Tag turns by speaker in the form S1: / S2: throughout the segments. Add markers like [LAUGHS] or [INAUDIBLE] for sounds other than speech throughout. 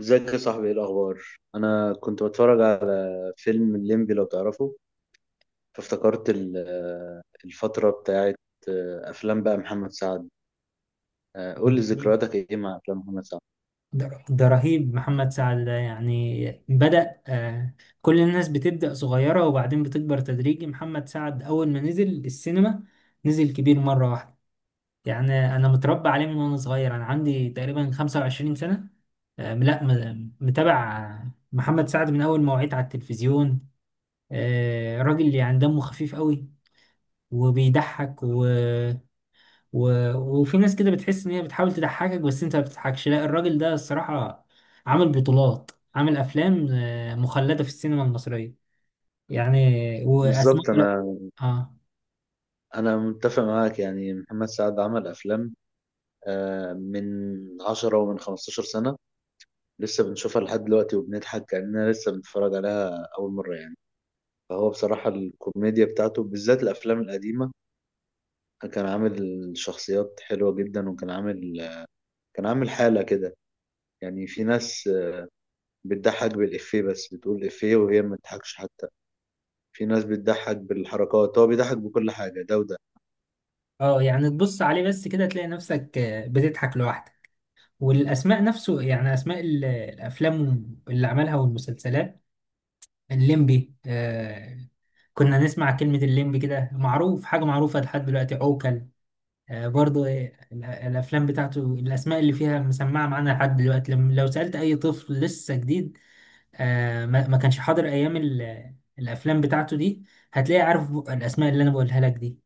S1: ازيك يا صاحبي، ايه الاخبار؟ انا كنت بتفرج على فيلم الليمبي لو تعرفه. فافتكرت الفتره بتاعت افلام بقى محمد سعد. قول لي ذكرياتك ايه مع افلام محمد سعد؟
S2: ده رهيب محمد سعد ده، يعني بدأ كل الناس بتبدأ صغيرة وبعدين بتكبر تدريجي. محمد سعد أول ما نزل السينما نزل كبير مرة واحدة. يعني أنا متربى عليه من وأنا صغير، أنا عندي تقريبا 25 سنة. لا، متابع محمد سعد من أول ما وعيت على التلفزيون. راجل يعني دمه خفيف قوي وبيضحك و... وفي ناس كده بتحس ان هي بتحاول تضحكك بس انت ما بتضحكش، لا الراجل ده الصراحة عامل بطولات، عامل افلام مخلدة في السينما المصرية، يعني. واسماء،
S1: بالظبط،
S2: لا.
S1: انا
S2: اه،
S1: انا متفق معاك. يعني محمد سعد عمل افلام من 10 ومن 15 سنه، لسه بنشوفها لحد دلوقتي وبنضحك كاننا لسه بنتفرج عليها اول مره يعني. فهو بصراحه الكوميديا بتاعته بالذات الافلام القديمه، كان عامل شخصيات حلوة جدا، وكان عامل حالة كده. يعني في ناس بتضحك بالإفيه، بس بتقول إفيه وهي ما بتضحكش حتى. في ناس بتضحك بالحركات، هو بيضحك بكل حاجة، ده وده.
S2: اه، يعني تبص عليه بس كده تلاقي نفسك بتضحك لوحدك. والاسماء نفسه، يعني اسماء الافلام اللي عملها والمسلسلات. الليمبي، كنا نسمع كلمة الليمبي كده، معروف، حاجة معروفة لحد دلوقتي. عوكل برضو، إيه، الافلام بتاعته الاسماء اللي فيها مسمعه معانا لحد دلوقتي، لما لو سالت اي طفل لسه جديد ما كانش حاضر ايام الافلام بتاعته دي، هتلاقي عارف الاسماء اللي انا بقولها لك دي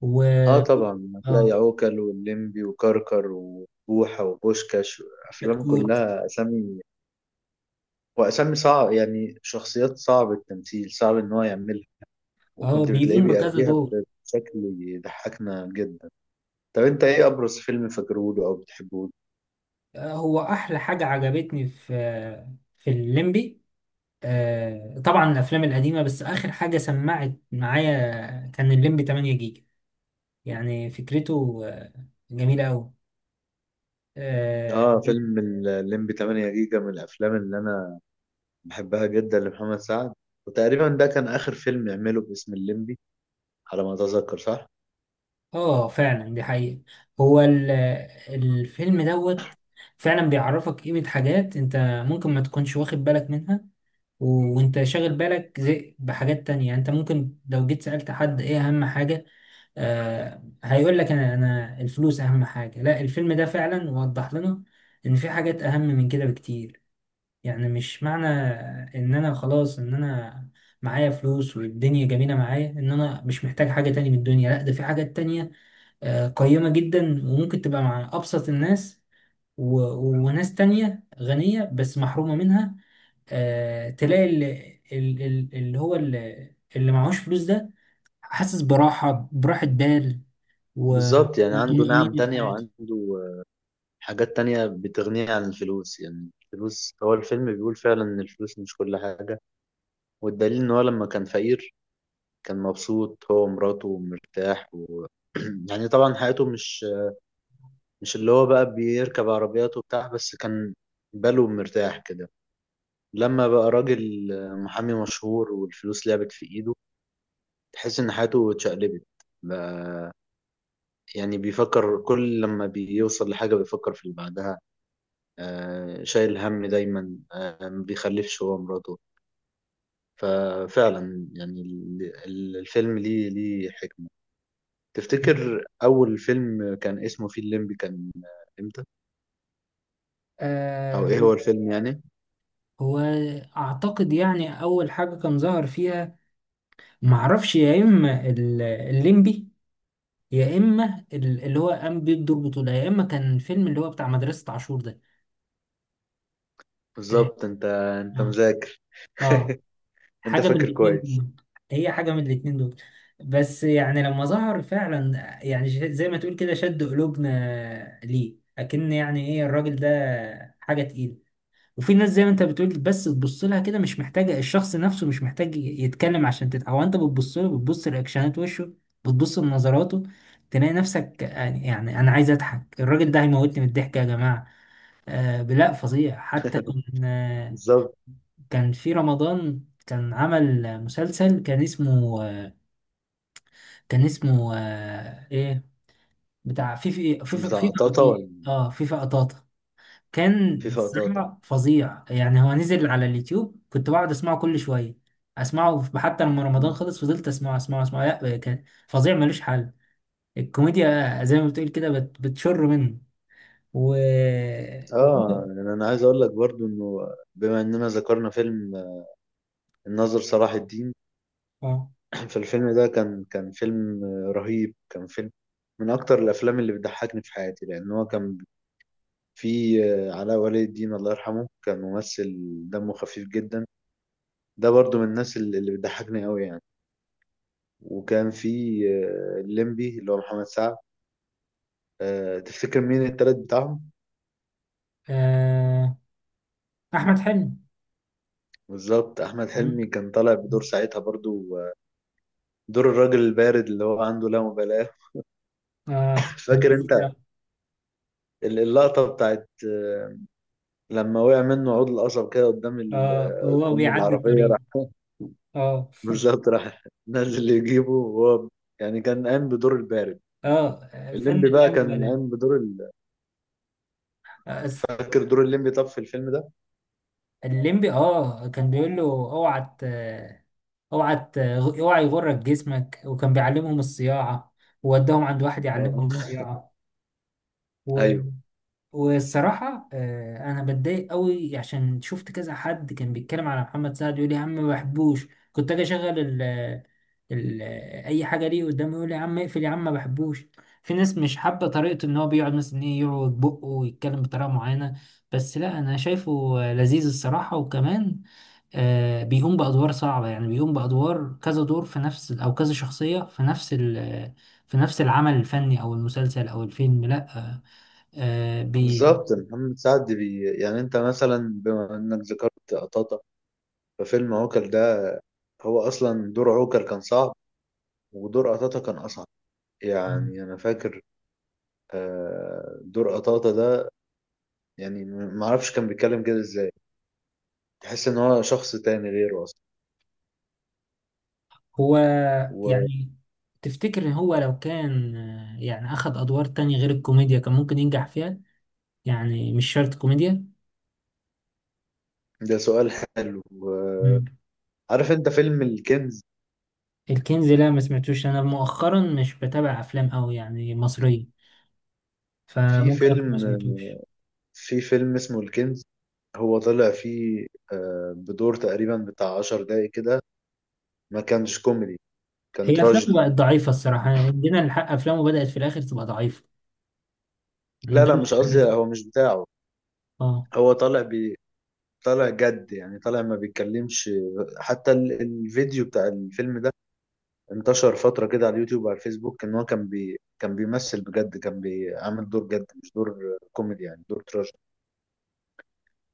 S2: و
S1: اه طبعا، هتلاقي
S2: اه،
S1: عوكل واللمبي وكركر وبوحة وبوشكاش، أفلام
S2: كتكوت.
S1: كلها أسامي. وأسامي صعب، يعني شخصيات صعب التمثيل، صعب إن هو يعملها،
S2: اه،
S1: وكنت بتلاقيه
S2: بيقوم بكذا
S1: بيأديها
S2: دور.
S1: بشكل يضحكنا جدا. طب أنت إيه أبرز فيلم فاكرهوله أو بتحبه؟
S2: هو احلى حاجه عجبتني في الليمبي. طبعا الافلام القديمه، بس اخر حاجه سمعت معايا كان الليمبي 8 جيجا، يعني فكرته جميله قوي.
S1: اه، فيلم الليمبي 8 جيجا من الافلام اللي انا بحبها جدا لمحمد سعد، وتقريبا ده كان آخر فيلم يعمله باسم الليمبي على ما أتذكر، صح؟
S2: اه فعلا، دي حقيقة. هو الفيلم دوت فعلا بيعرفك قيمة حاجات انت ممكن ما تكونش واخد بالك منها وانت شاغل بالك زي بحاجات تانية. يعني انت ممكن لو جيت سألت حد ايه اهم حاجة، هيقول لك انا الفلوس اهم حاجة. لا، الفيلم ده فعلا وضح لنا ان في حاجات اهم من كده بكتير. يعني مش معنى ان انا خلاص ان انا معايا فلوس والدنيا جميلة معايا، ان انا مش محتاج حاجة تانية من الدنيا. لا، ده في حاجات تانية قيمة جدا وممكن تبقى مع أبسط الناس و... وناس تانية غنية بس محرومة منها. تلاقي اللي هو اللي معهوش فلوس ده حاسس براحة براحة و...
S1: بالظبط، يعني عنده نعم
S2: وطمأنينة في
S1: تانية
S2: حياته.
S1: وعنده حاجات تانية بتغنيه عن الفلوس. يعني الفلوس، هو الفيلم بيقول فعلا إن الفلوس مش كل حاجة، والدليل إن هو لما كان فقير كان مبسوط هو ومراته ومرتاح. و... [CLEARS THROAT] يعني طبعا حياته مش اللي هو بقى بيركب عربيات وبتاع، بس كان باله مرتاح كده. لما بقى راجل محامي مشهور والفلوس لعبت في إيده، تحس ان حياته اتشقلبت. بقى- يعني بيفكر، كل لما بيوصل لحاجة بيفكر في اللي بعدها، شايل هم دايما، ما بيخلفش هو مراته. ففعلا يعني الفيلم ليه حكمة. تفتكر أول فيلم كان اسمه فيه الليمبي كان امتى؟ أو
S2: آه
S1: ايه هو الفيلم يعني؟
S2: هو أعتقد يعني أول حاجة كان ظهر فيها، معرفش، يا إما الليمبي، يا إما اللي هو قام بيه بدور بطولة، يا إما كان فيلم اللي هو بتاع مدرسة عاشور ده. ت-
S1: بالظبط، انت
S2: آه
S1: مذاكر،
S2: آه
S1: انت
S2: حاجة من
S1: فاكر
S2: الاتنين
S1: كويس.
S2: دول. هي حاجة من الاتنين دول. بس يعني لما ظهر فعلا، يعني زي ما تقول كده شد قلوبنا ليه أكن. يعني ايه الراجل ده، حاجة تقيلة. وفي ناس زي ما انت بتقول، بس تبص لها كده، مش محتاجة الشخص نفسه مش محتاج يتكلم عشان، او انت بتبص له، بتبص لأكشنات وشه، بتبص لنظراته، تلاقي نفسك يعني انا عايز اضحك، الراجل ده هيموتني من الضحك يا جماعة. لا، فظيع. حتى كنا،
S1: بالظبط،
S2: كان في رمضان كان عمل مسلسل، كان اسمه ايه، بتاع في في في في
S1: بتاع
S2: في
S1: قطاطا
S2: قطاطة.
S1: ولا
S2: اه، في قطاطة، كان
S1: في قطاطا؟
S2: بصراحة فظيع. يعني هو نزل على اليوتيوب، كنت بقعد اسمعه كل شوية، اسمعه حتى لما رمضان خلص فضلت اسمعه اسمعه اسمعه. لا كان فظيع ملوش حل، الكوميديا زي ما بتقول كده بتشر منه و
S1: اه،
S2: و-
S1: يعني انا عايز اقول لك برضو انه بما اننا ذكرنا فيلم الناظر صلاح الدين،
S2: اه.
S1: [CLEARS THROAT] فالفيلم ده كان فيلم رهيب، كان فيلم من أكتر الأفلام اللي بتضحكني في حياتي. لأن هو كان فيه علاء ولي الدين، الله يرحمه، كان ممثل دمه خفيف جدا، ده برضو من الناس اللي بتضحكني أوي يعني. وكان فيه الليمبي اللي هو محمد سعد. تفتكر مين التالت بتاعهم؟
S2: آه، احمد حلمي.
S1: بالظبط، أحمد حلمي
S2: مم.
S1: كان طالع بدور ساعتها برضو دور الراجل البارد، اللي هو عنده لا مبالاة.
S2: اه،
S1: [LAUGHS]
S2: كان
S1: فاكر أنت
S2: لذيذ.
S1: اللقطة بتاعت لما وقع منه عود القصب كده قدام ال...
S2: اه هو
S1: قدام
S2: بيعدي
S1: العربية راح؟
S2: الطريق. اه.
S1: [LAUGHS] بالظبط، راح نازل يجيبه وهو، يعني كان قام بدور البارد،
S2: اه فن.
S1: الليمبي بقى
S2: اللم
S1: كان
S2: بلاش.
S1: قام بدور ال...
S2: آه، أس-
S1: فاكر دور الليمبي طب في الفيلم ده؟
S2: الليمبي، اه، كان بيقول له اوعى ت- اوعى يغرك جسمك، وكان بيعلمهم الصياعة، ووداهم عند واحد يعلمهم
S1: آه. [LAUGHS]
S2: الصياعة.
S1: ايوه،
S2: والصراحة أنا بتضايق قوي عشان شفت كذا حد كان بيتكلم على محمد سعد يقول لي يا عم ما بحبوش، كنت أجي أشغل ال أي حاجة ليه قدامي يقول لي يا عم اقفل، يا عم ما بحبوش. في ناس مش حابة طريقته إن هو بيقعد مثلا، إيه، يعوج بقه ويتكلم بطريقة معينة. بس لا أنا شايفه لذيذ الصراحة. وكمان بيقوم بأدوار صعبة، يعني بيقوم بأدوار كذا دور في نفس، أو كذا شخصية في نفس العمل الفني أو المسلسل أو الفيلم. لأ، آه بي
S1: بالظبط. محمد سعد يعني انت مثلا، بما انك ذكرت قطاطا، ففيلم عوكل ده هو اصلا دور عوكل كان صعب، ودور قطاطا كان اصعب. يعني انا فاكر دور قطاطا ده، يعني معرفش كان بيتكلم كده ازاي. تحس ان هو شخص تاني غيره.
S2: هو
S1: وده
S2: يعني تفتكر هو لو كان يعني أخذ أدوار تانية غير الكوميديا كان ممكن ينجح فيها، يعني مش شرط كوميديا.
S1: سؤال حلو.
S2: مم.
S1: عارف انت فيلم الكنز؟
S2: الكنز، لا، ما سمعتوش. أنا مؤخرا مش بتابع أفلام أوي يعني مصرية،
S1: في
S2: فممكن أكون ما
S1: فيلم
S2: سمعتوش.
S1: في فيلم اسمه الكنز، هو طلع فيه بدور تقريبا بتاع عشر دقايق كده. ما كانش كوميدي، كان
S2: هي أفلامه
S1: تراجيدي.
S2: بقت ضعيفة الصراحة. يعني جينا الحق أفلامه بدأت في الآخر تبقى ضعيفة، ده
S1: لا
S2: اللي
S1: لا، مش
S2: أنا
S1: قصدي،
S2: حاسه.
S1: هو مش بتاعه.
S2: اه.
S1: هو طالع جد، يعني طالع ما بيتكلمش. حتى الفيديو بتاع الفيلم ده انتشر فترة كده على اليوتيوب وعلى الفيسبوك، ان هو كان بيمثل بجد، كان بيعمل دور جد، مش دور كوميدي، يعني دور تراجيدي.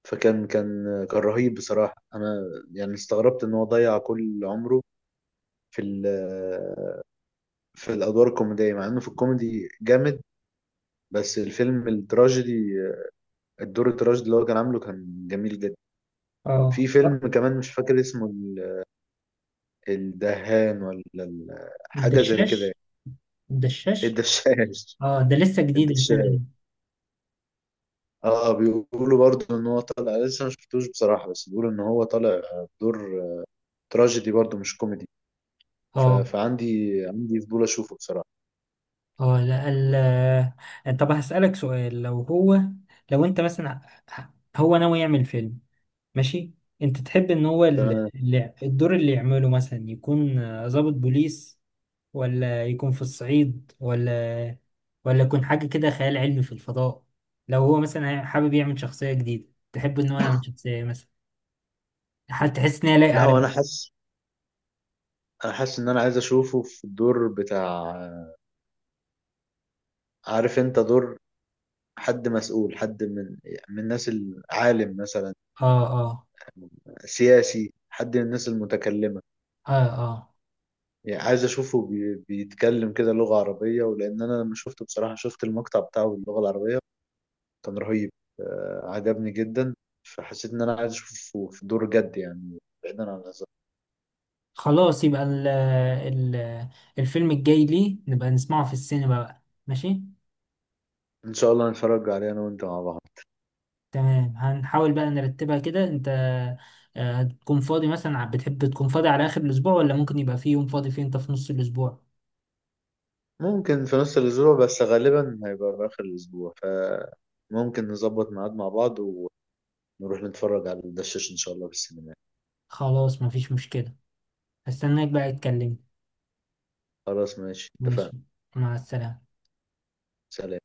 S1: فكان كان كان رهيب بصراحة. أنا يعني استغربت إن هو ضيع كل عمره في ال- في الأدوار الكوميدية، مع إنه في الكوميدي جامد. بس الفيلم التراجيدي، الدور التراجيدي اللي هو كان عامله، كان جميل جدا.
S2: اه.
S1: في فيلم
S2: آه.
S1: كمان مش فاكر اسمه، الدهان ولا حاجة زي كده،
S2: الدشاش، الدشاش.
S1: الدشاش.
S2: اه، ده لسه
S1: [LAUGHS]
S2: جديد الفيلم
S1: الدشاش،
S2: ده.
S1: اه. بيقولوا برضه ان هو طالع، لسه ما شفتوش بصراحة، بس بيقولوا ان هو طالع دور تراجيدي برضه، مش كوميدي. ف...
S2: اه.
S1: فعندي عندي فضول اشوفه بصراحة.
S2: اه. لا، طب هسألك سؤال، لو هو، لو انت مثلا، هو ناوي يعمل فيلم، ماشي، انت تحب ان هو
S1: تمام.
S2: الدور اللي يعمله مثلا يكون ضابط بوليس، ولا يكون في الصعيد، ولا يكون حاجة كده خيال علمي في الفضاء، لو هو مثلا حابب يعمل شخصية جديدة، تحب ان هو يعمل شخصية إيه مثلا، هتحس ان هي لايقة
S1: لا، هو
S2: عليه.
S1: انا حاسس ان انا عايز اشوفه في الدور بتاع، عارف انت دور حد مسؤول، حد من الناس العالم مثلا،
S2: اه. اه.
S1: سياسي، حد من الناس المتكلمة.
S2: اه. اه.
S1: يعني عايز اشوفه بيتكلم كده لغة عربية. ولان انا لما شفته بصراحة، شفت المقطع بتاعه باللغة العربية، كان رهيب، عجبني جدا. فحسيت ان انا عايز اشوفه في دور جد يعني، بعيدا عن الهزار.
S2: خلاص يبقى ال الفيلم الجاي ليه نبقى نسمعه في السينما بقى، ماشي.
S1: ان شاء الله نتفرج عليه انا وانت مع بعض.
S2: تمام، هنحاول بقى نرتبها كده. انت هتكون فاضي مثلا، بتحب تكون فاضي على اخر الاسبوع، ولا ممكن يبقى في يوم فاضي فيه انت في نص الاسبوع؟
S1: ممكن في نص الأسبوع، بس غالبا هيبقى في آخر الأسبوع، فممكن نظبط ميعاد مع بعض ونروح نتفرج على الدشاش إن شاء الله في السينما.
S2: خلاص مفيش مشكلة، هستناك بقى تكلمني.
S1: خلاص، ماشي، اتفقنا.
S2: ماشي، مع السلامة.
S1: سلام.